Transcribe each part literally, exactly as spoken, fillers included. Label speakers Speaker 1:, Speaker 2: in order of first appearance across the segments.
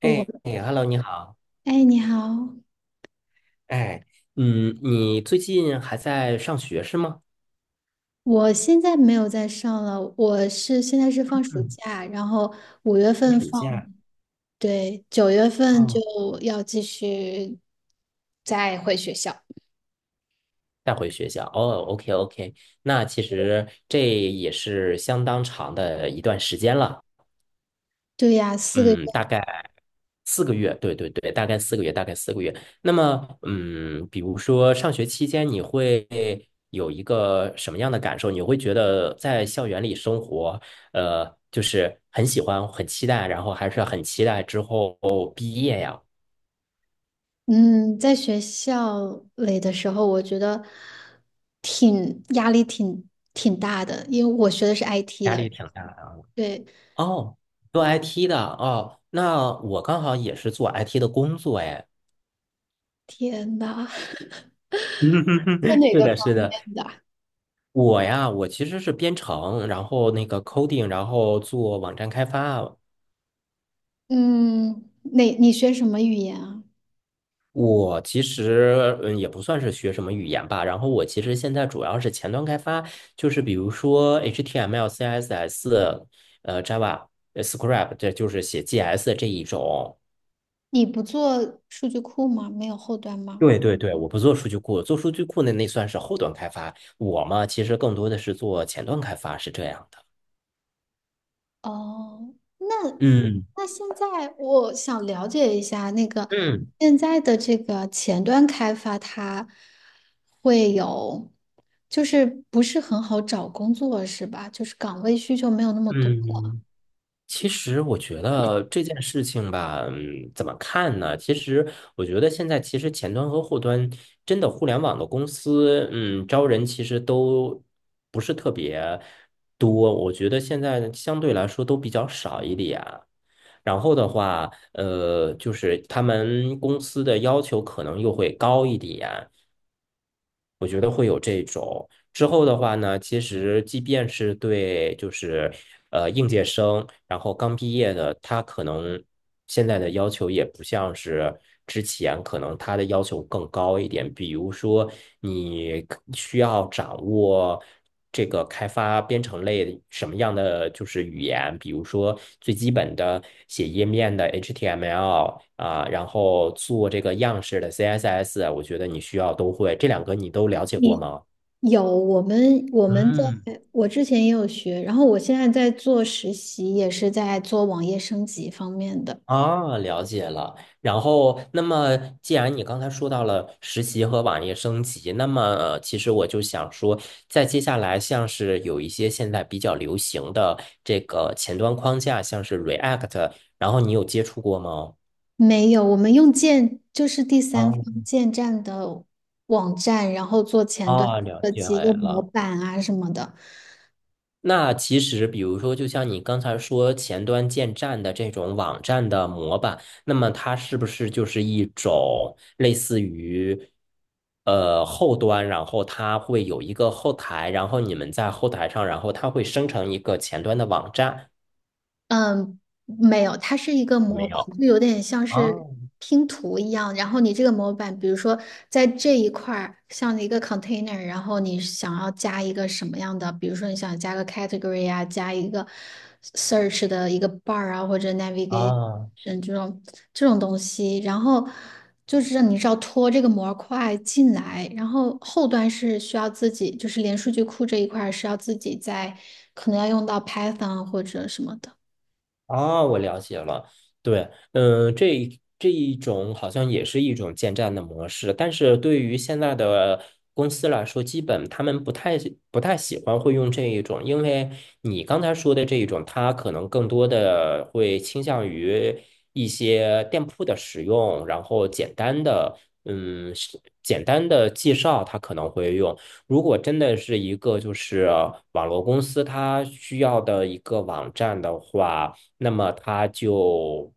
Speaker 1: 我，
Speaker 2: 哎 h e l l o 你好。
Speaker 1: 哎，你好，
Speaker 2: 哎，嗯，你最近还在上学是吗？
Speaker 1: 我现在没有在上了，我是现在是放暑
Speaker 2: 嗯，
Speaker 1: 假，然后五月
Speaker 2: 在
Speaker 1: 份
Speaker 2: 暑
Speaker 1: 放，
Speaker 2: 假。
Speaker 1: 对，九月份就
Speaker 2: 哦，
Speaker 1: 要继续再回学校。
Speaker 2: 再回学校。哦，OK OK，那其实这也是相当长的一段时间了。
Speaker 1: 对呀，四个月，
Speaker 2: 嗯，大概四个月，对对对，大概四个月，大概四个月。那么，嗯，比如说上学期间，你会有一个什么样的感受？你会觉得在校园里生活，呃，就是很喜欢、很期待，然后还是很期待之后毕业呀，
Speaker 1: 嗯，在学校里的时候，我觉得挺压力挺挺大的，因为我学的是 I T
Speaker 2: 压
Speaker 1: 的，
Speaker 2: 力挺大的。
Speaker 1: 对，
Speaker 2: 哦，做 I T 的哦，那我刚好也是做 I T 的工作哎。
Speaker 1: 天呐，做 哪
Speaker 2: 是
Speaker 1: 个
Speaker 2: 的，
Speaker 1: 方
Speaker 2: 是
Speaker 1: 面
Speaker 2: 的，
Speaker 1: 的？
Speaker 2: 我呀，我其实是编程，然后那个 coding，然后做网站开发。
Speaker 1: 嗯，哪，你学什么语言啊？
Speaker 2: 我其实嗯也不算是学什么语言吧，然后我其实现在主要是前端开发，就是比如说 H T M L、C S S、呃 Java、呃 Script，这就是写 G S 这一种。
Speaker 1: 你不做数据库吗？没有后端吗？
Speaker 2: 对对对，我不做数据库，做数据库那那算是后端开发。我嘛，其实更多的是做前端开发，是这样的。
Speaker 1: 哦，那
Speaker 2: 嗯
Speaker 1: 那现在我想了解一下，那个
Speaker 2: 嗯
Speaker 1: 现在的这个前端开发，它会有，就是不是很好找工作是吧？就是岗位需求没有那么多。
Speaker 2: 嗯。其实我觉得这件事情吧，嗯，怎么看呢？其实我觉得现在其实前端和后端真的互联网的公司，嗯，招人其实都不是特别多，我觉得现在相对来说都比较少一点。然后的话，呃，就是他们公司的要求可能又会高一点，我觉得会有这种。之后的话呢，其实即便是对就是呃应届生，然后刚毕业的，他可能现在的要求也不像是之前，可能他的要求更高一点。比如说，你可需要掌握这个开发编程类什么样的就是语言，比如说最基本的写页面的 H T M L 啊，然后做这个样式的 C S S，我觉得你需要都会。这两个你都了解过
Speaker 1: 你
Speaker 2: 吗？
Speaker 1: 有我们我们在
Speaker 2: 嗯，
Speaker 1: 我之前也有学，然后我现在在做实习，也是在做网页升级方面的。
Speaker 2: 啊，了解了。然后，那么既然你刚才说到了实习和网页升级，那么呃其实我就想说，在接下来像是有一些现在比较流行的这个前端框架，像是 React，然后你有接触过吗？
Speaker 1: 没有，我们用建就是第三
Speaker 2: 啊，
Speaker 1: 方建站的网站，然后做前端
Speaker 2: 啊，了
Speaker 1: 设
Speaker 2: 解
Speaker 1: 计，用模
Speaker 2: 了。
Speaker 1: 板啊什么的。
Speaker 2: 那其实，比如说，就像你刚才说前端建站的这种网站的模板，那么它是不是就是一种类似于呃后端，然后它会有一个后台，然后你们在后台上，然后它会生成一个前端的网站，
Speaker 1: 嗯，没有，它是一个
Speaker 2: 有
Speaker 1: 模
Speaker 2: 没有？
Speaker 1: 板，就有点像
Speaker 2: 啊
Speaker 1: 是拼图一样。然后你这个模板，比如说在这一块儿，像一个 container，然后你想要加一个什么样的，比如说你想加个 category 啊，加一个 search 的一个 bar 啊，或者 navigation
Speaker 2: 啊
Speaker 1: 这种这种东西，然后就是让你是要拖这个模块进来，然后后端是需要自己，就是连数据库这一块儿是要自己在，可能要用到 Python 或者什么的。
Speaker 2: 啊，我了解了。对，嗯，这一这一种好像也是一种建站的模式，但是对于现在的公司来说，基本他们不太不太喜欢会用这一种，因为你刚才说的这一种，它可能更多的会倾向于一些店铺的使用，然后简单的，嗯，是简单的介绍，它可能会用。如果真的是一个就是网络公司，它需要的一个网站的话。那么他就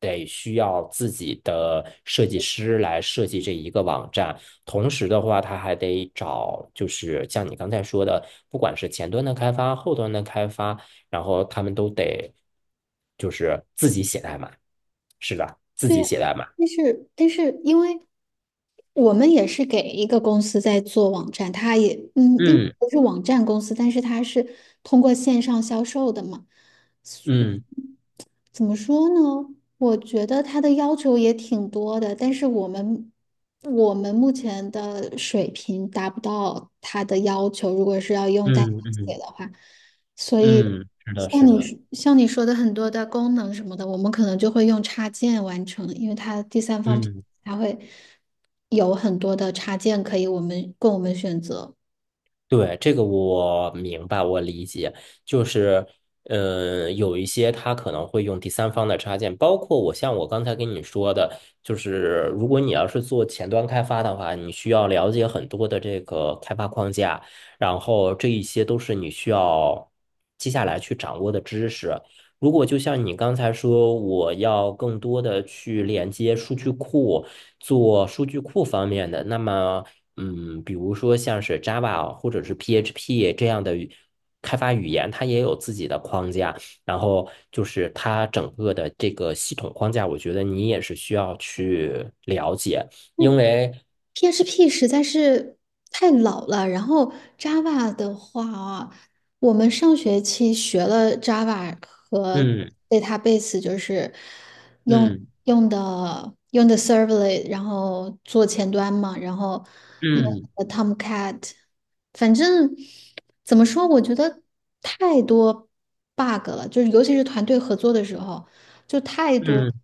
Speaker 2: 得需要自己的设计师来设计这一个网站，同时的话，他还得找，就是像你刚才说的，不管是前端的开发、后端的开发，然后他们都得就是自己写代码，是的，自
Speaker 1: 对
Speaker 2: 己
Speaker 1: 呀，
Speaker 2: 写代码。
Speaker 1: 但是但是，因为我们也是给一个公司在做网站，它也嗯，应该
Speaker 2: 嗯
Speaker 1: 不是网站公司，但是它是通过线上销售的嘛。
Speaker 2: 嗯
Speaker 1: 怎么说呢？我觉得他的要求也挺多的，但是我们我们目前的水平达不到他的要求，如果是要用代码
Speaker 2: 嗯
Speaker 1: 写
Speaker 2: 嗯
Speaker 1: 的话，所以
Speaker 2: 嗯，是的，
Speaker 1: 像
Speaker 2: 是
Speaker 1: 你
Speaker 2: 的，
Speaker 1: 说像你说的很多的功能什么的，我们可能就会用插件完成，因为它第三方平
Speaker 2: 嗯。
Speaker 1: 台它会有很多的插件可以我们供我们选择。
Speaker 2: 对，这个我明白，我理解，就是，嗯，有一些他可能会用第三方的插件，包括我像我刚才跟你说的，就是如果你要是做前端开发的话，你需要了解很多的这个开发框架，然后这一些都是你需要接下来去掌握的知识。如果就像你刚才说，我要更多的去连接数据库，做数据库方面的，那么。嗯，比如说像是 Java 或者是 P H P 这样的语开发语言，它也有自己的框架。然后就是它整个的这个系统框架，我觉得你也是需要去了解，因为
Speaker 1: P H P 实在是太老了，然后 Java 的话啊，我们上学期学了 Java 和
Speaker 2: 嗯
Speaker 1: database，就是用
Speaker 2: 嗯
Speaker 1: 用的用的 Servlet，然后做前端嘛，然后用
Speaker 2: 嗯
Speaker 1: 的 Tomcat，反正怎么说，我觉得太多 bug 了，就是尤其是团队合作的时候，就太多，
Speaker 2: 嗯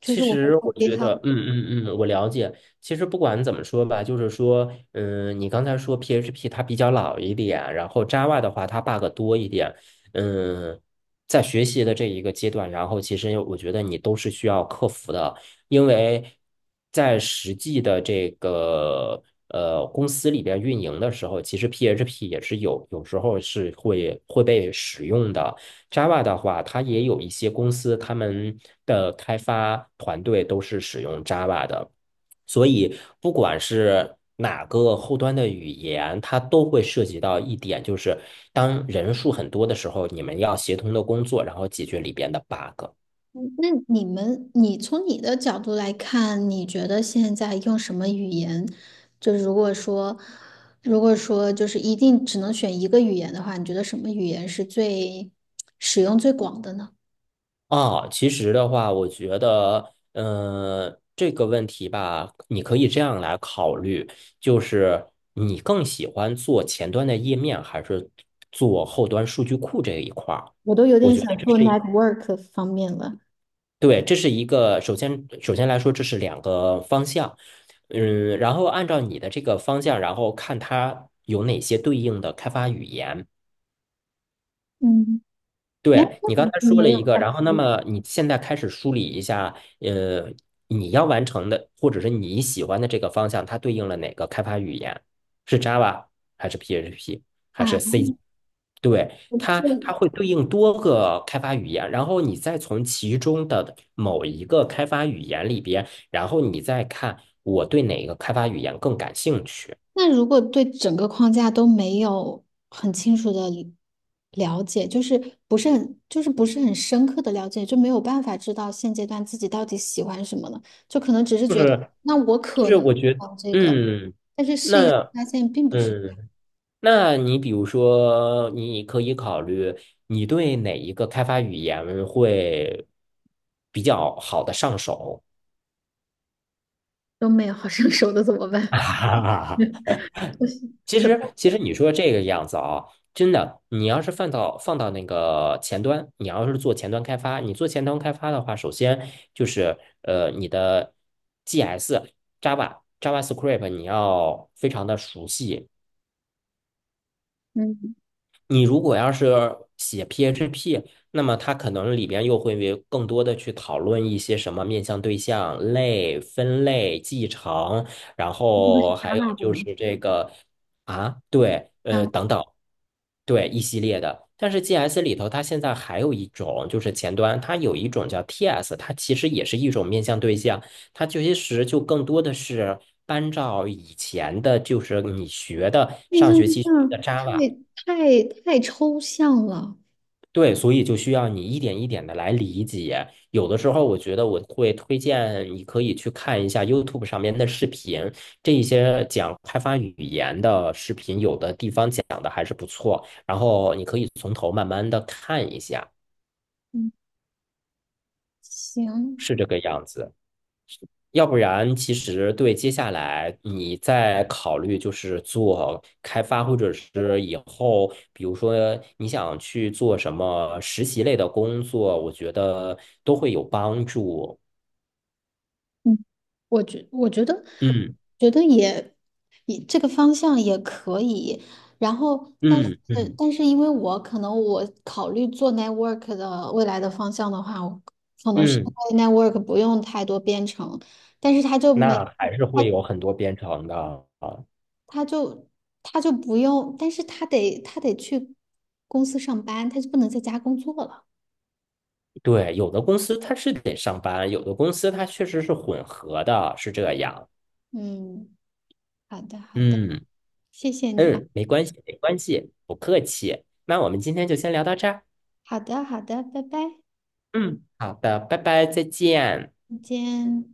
Speaker 1: 就
Speaker 2: 其
Speaker 1: 是我们
Speaker 2: 实
Speaker 1: 用
Speaker 2: 我觉得，
Speaker 1: GitHub。
Speaker 2: 嗯嗯嗯，我了解。其实不管怎么说吧，就是说，嗯，你刚才说 P H P 它比较老一点，然后 Java 的话它 bug 多一点，嗯，在学习的这一个阶段，然后其实我觉得你都是需要克服的，因为在实际的这个呃公司里边运营的时候，其实 P H P 也是有有时候是会会被使用的。Java 的话，它也有一些公司，他们的开发团队都是使用 Java 的，所以不管是哪个后端的语言，它都会涉及到一点，就是当人数很多的时候，你们要协同的工作，然后解决里边的 bug。
Speaker 1: 那你们，你从你的角度来看，你觉得现在用什么语言？就是如果说，如果说就是一定只能选一个语言的话，你觉得什么语言是最使用最广的呢？
Speaker 2: 啊，其实的话，我觉得，嗯、这个问题吧，你可以这样来考虑，就是你更喜欢做前端的页面，还是做后端数据库这一块儿？
Speaker 1: 我都有
Speaker 2: 我
Speaker 1: 点
Speaker 2: 觉得
Speaker 1: 想
Speaker 2: 这
Speaker 1: 做
Speaker 2: 是一
Speaker 1: network 方面了。
Speaker 2: 对，这是一个，首先，首先来说，这是两个方向，嗯，然后按照你的这个方向，然后看它有哪些对应的开发语言。
Speaker 1: 嗯
Speaker 2: 对，你
Speaker 1: ，network
Speaker 2: 刚才说了
Speaker 1: 没有
Speaker 2: 一个，
Speaker 1: app
Speaker 2: 然后那么你现在开始梳理一下，呃，你要完成的或者是你喜欢的这个方向，它对应了哪个开发语言？是 Java 还是 P H P 还
Speaker 1: 啊，
Speaker 2: 是 C？对，
Speaker 1: 不
Speaker 2: 它
Speaker 1: 错
Speaker 2: 它会对应多个开发语言，然后你再从其中的某一个开发语言里边，然后你再看我对哪个开发语言更感兴趣。
Speaker 1: 那如果对整个框架都没有很清楚的了解，就是不是很，就是不是很深刻的了解，就没有办法知道现阶段自己到底喜欢什么了，就可能只是
Speaker 2: 就
Speaker 1: 觉得，
Speaker 2: 是
Speaker 1: 那我
Speaker 2: 就
Speaker 1: 可
Speaker 2: 是，
Speaker 1: 能
Speaker 2: 我觉得，
Speaker 1: 往这个，
Speaker 2: 嗯，
Speaker 1: 但是试一试
Speaker 2: 那
Speaker 1: 发现并不是这样
Speaker 2: 嗯。那你比如说，你可以考虑你对哪一个开发语言会比较好的上手。
Speaker 1: 都没有好上手的怎么办？我是
Speaker 2: 其
Speaker 1: 可
Speaker 2: 实，
Speaker 1: 痛
Speaker 2: 其
Speaker 1: 苦
Speaker 2: 实
Speaker 1: 了，
Speaker 2: 你说这个样子啊，真的，你要是放到放到那个前端，你要是做前端开发，你做前端开发的话，首先就是呃，你的 G S、Java、JavaScript 你要非常的熟悉，
Speaker 1: 嗯，
Speaker 2: 你如果要是写 P H P，那么它可能里边又会为更多的去讨论一些什么面向对象、类、分类、继承，然后还
Speaker 1: 打
Speaker 2: 有
Speaker 1: 靶的
Speaker 2: 就
Speaker 1: 嘛。
Speaker 2: 是这个啊，对，
Speaker 1: 打道
Speaker 2: 呃，
Speaker 1: 吗？
Speaker 2: 等等。对，一系列的。但是 G S 里头，它现在还有一种，就是前端，它有一种叫 T S，它其实也是一种面向对象，它其实就更多的是搬照以前的，就是你学的
Speaker 1: 内
Speaker 2: 上学
Speaker 1: 对
Speaker 2: 期学的
Speaker 1: 象
Speaker 2: Java，
Speaker 1: 太太太抽象了，
Speaker 2: 对，所以就需要你一点一点的来理解。有的时候，我觉得我会推荐你可以去看一下 YouTube 上面的视频，这一些讲开发语言的视频，有的地方讲的还是不错。然后你可以从头慢慢的看一下，
Speaker 1: 嗯，行，
Speaker 2: 是这个样子。要不然，其实对接下来你再考虑就是做开发，或者是以后，比如说你想去做什么实习类的工作，我觉得都会有帮助。
Speaker 1: 嗯，我觉我觉得
Speaker 2: 嗯
Speaker 1: 觉得也也这个方向也可以，然后但是
Speaker 2: 嗯嗯
Speaker 1: 但是因为我可能我考虑做 network 的未来的方向的话，我可能是
Speaker 2: 嗯，
Speaker 1: 因为 network 不用太多编程，但是他就没
Speaker 2: 那还是会有很多编程的啊。
Speaker 1: 他就他就不用，但是他得他得去公司上班，他就不能在家工作了。
Speaker 2: 对，有的公司它是得上班，有的公司它确实是混合的，是这样。
Speaker 1: 嗯，好的好的，
Speaker 2: 嗯
Speaker 1: 谢谢你啊，
Speaker 2: 嗯，没关系，没关系，不客气。那我们今天就先聊到这儿。
Speaker 1: 好的好的，拜拜，
Speaker 2: 嗯，好的，拜拜，再见。
Speaker 1: 再见。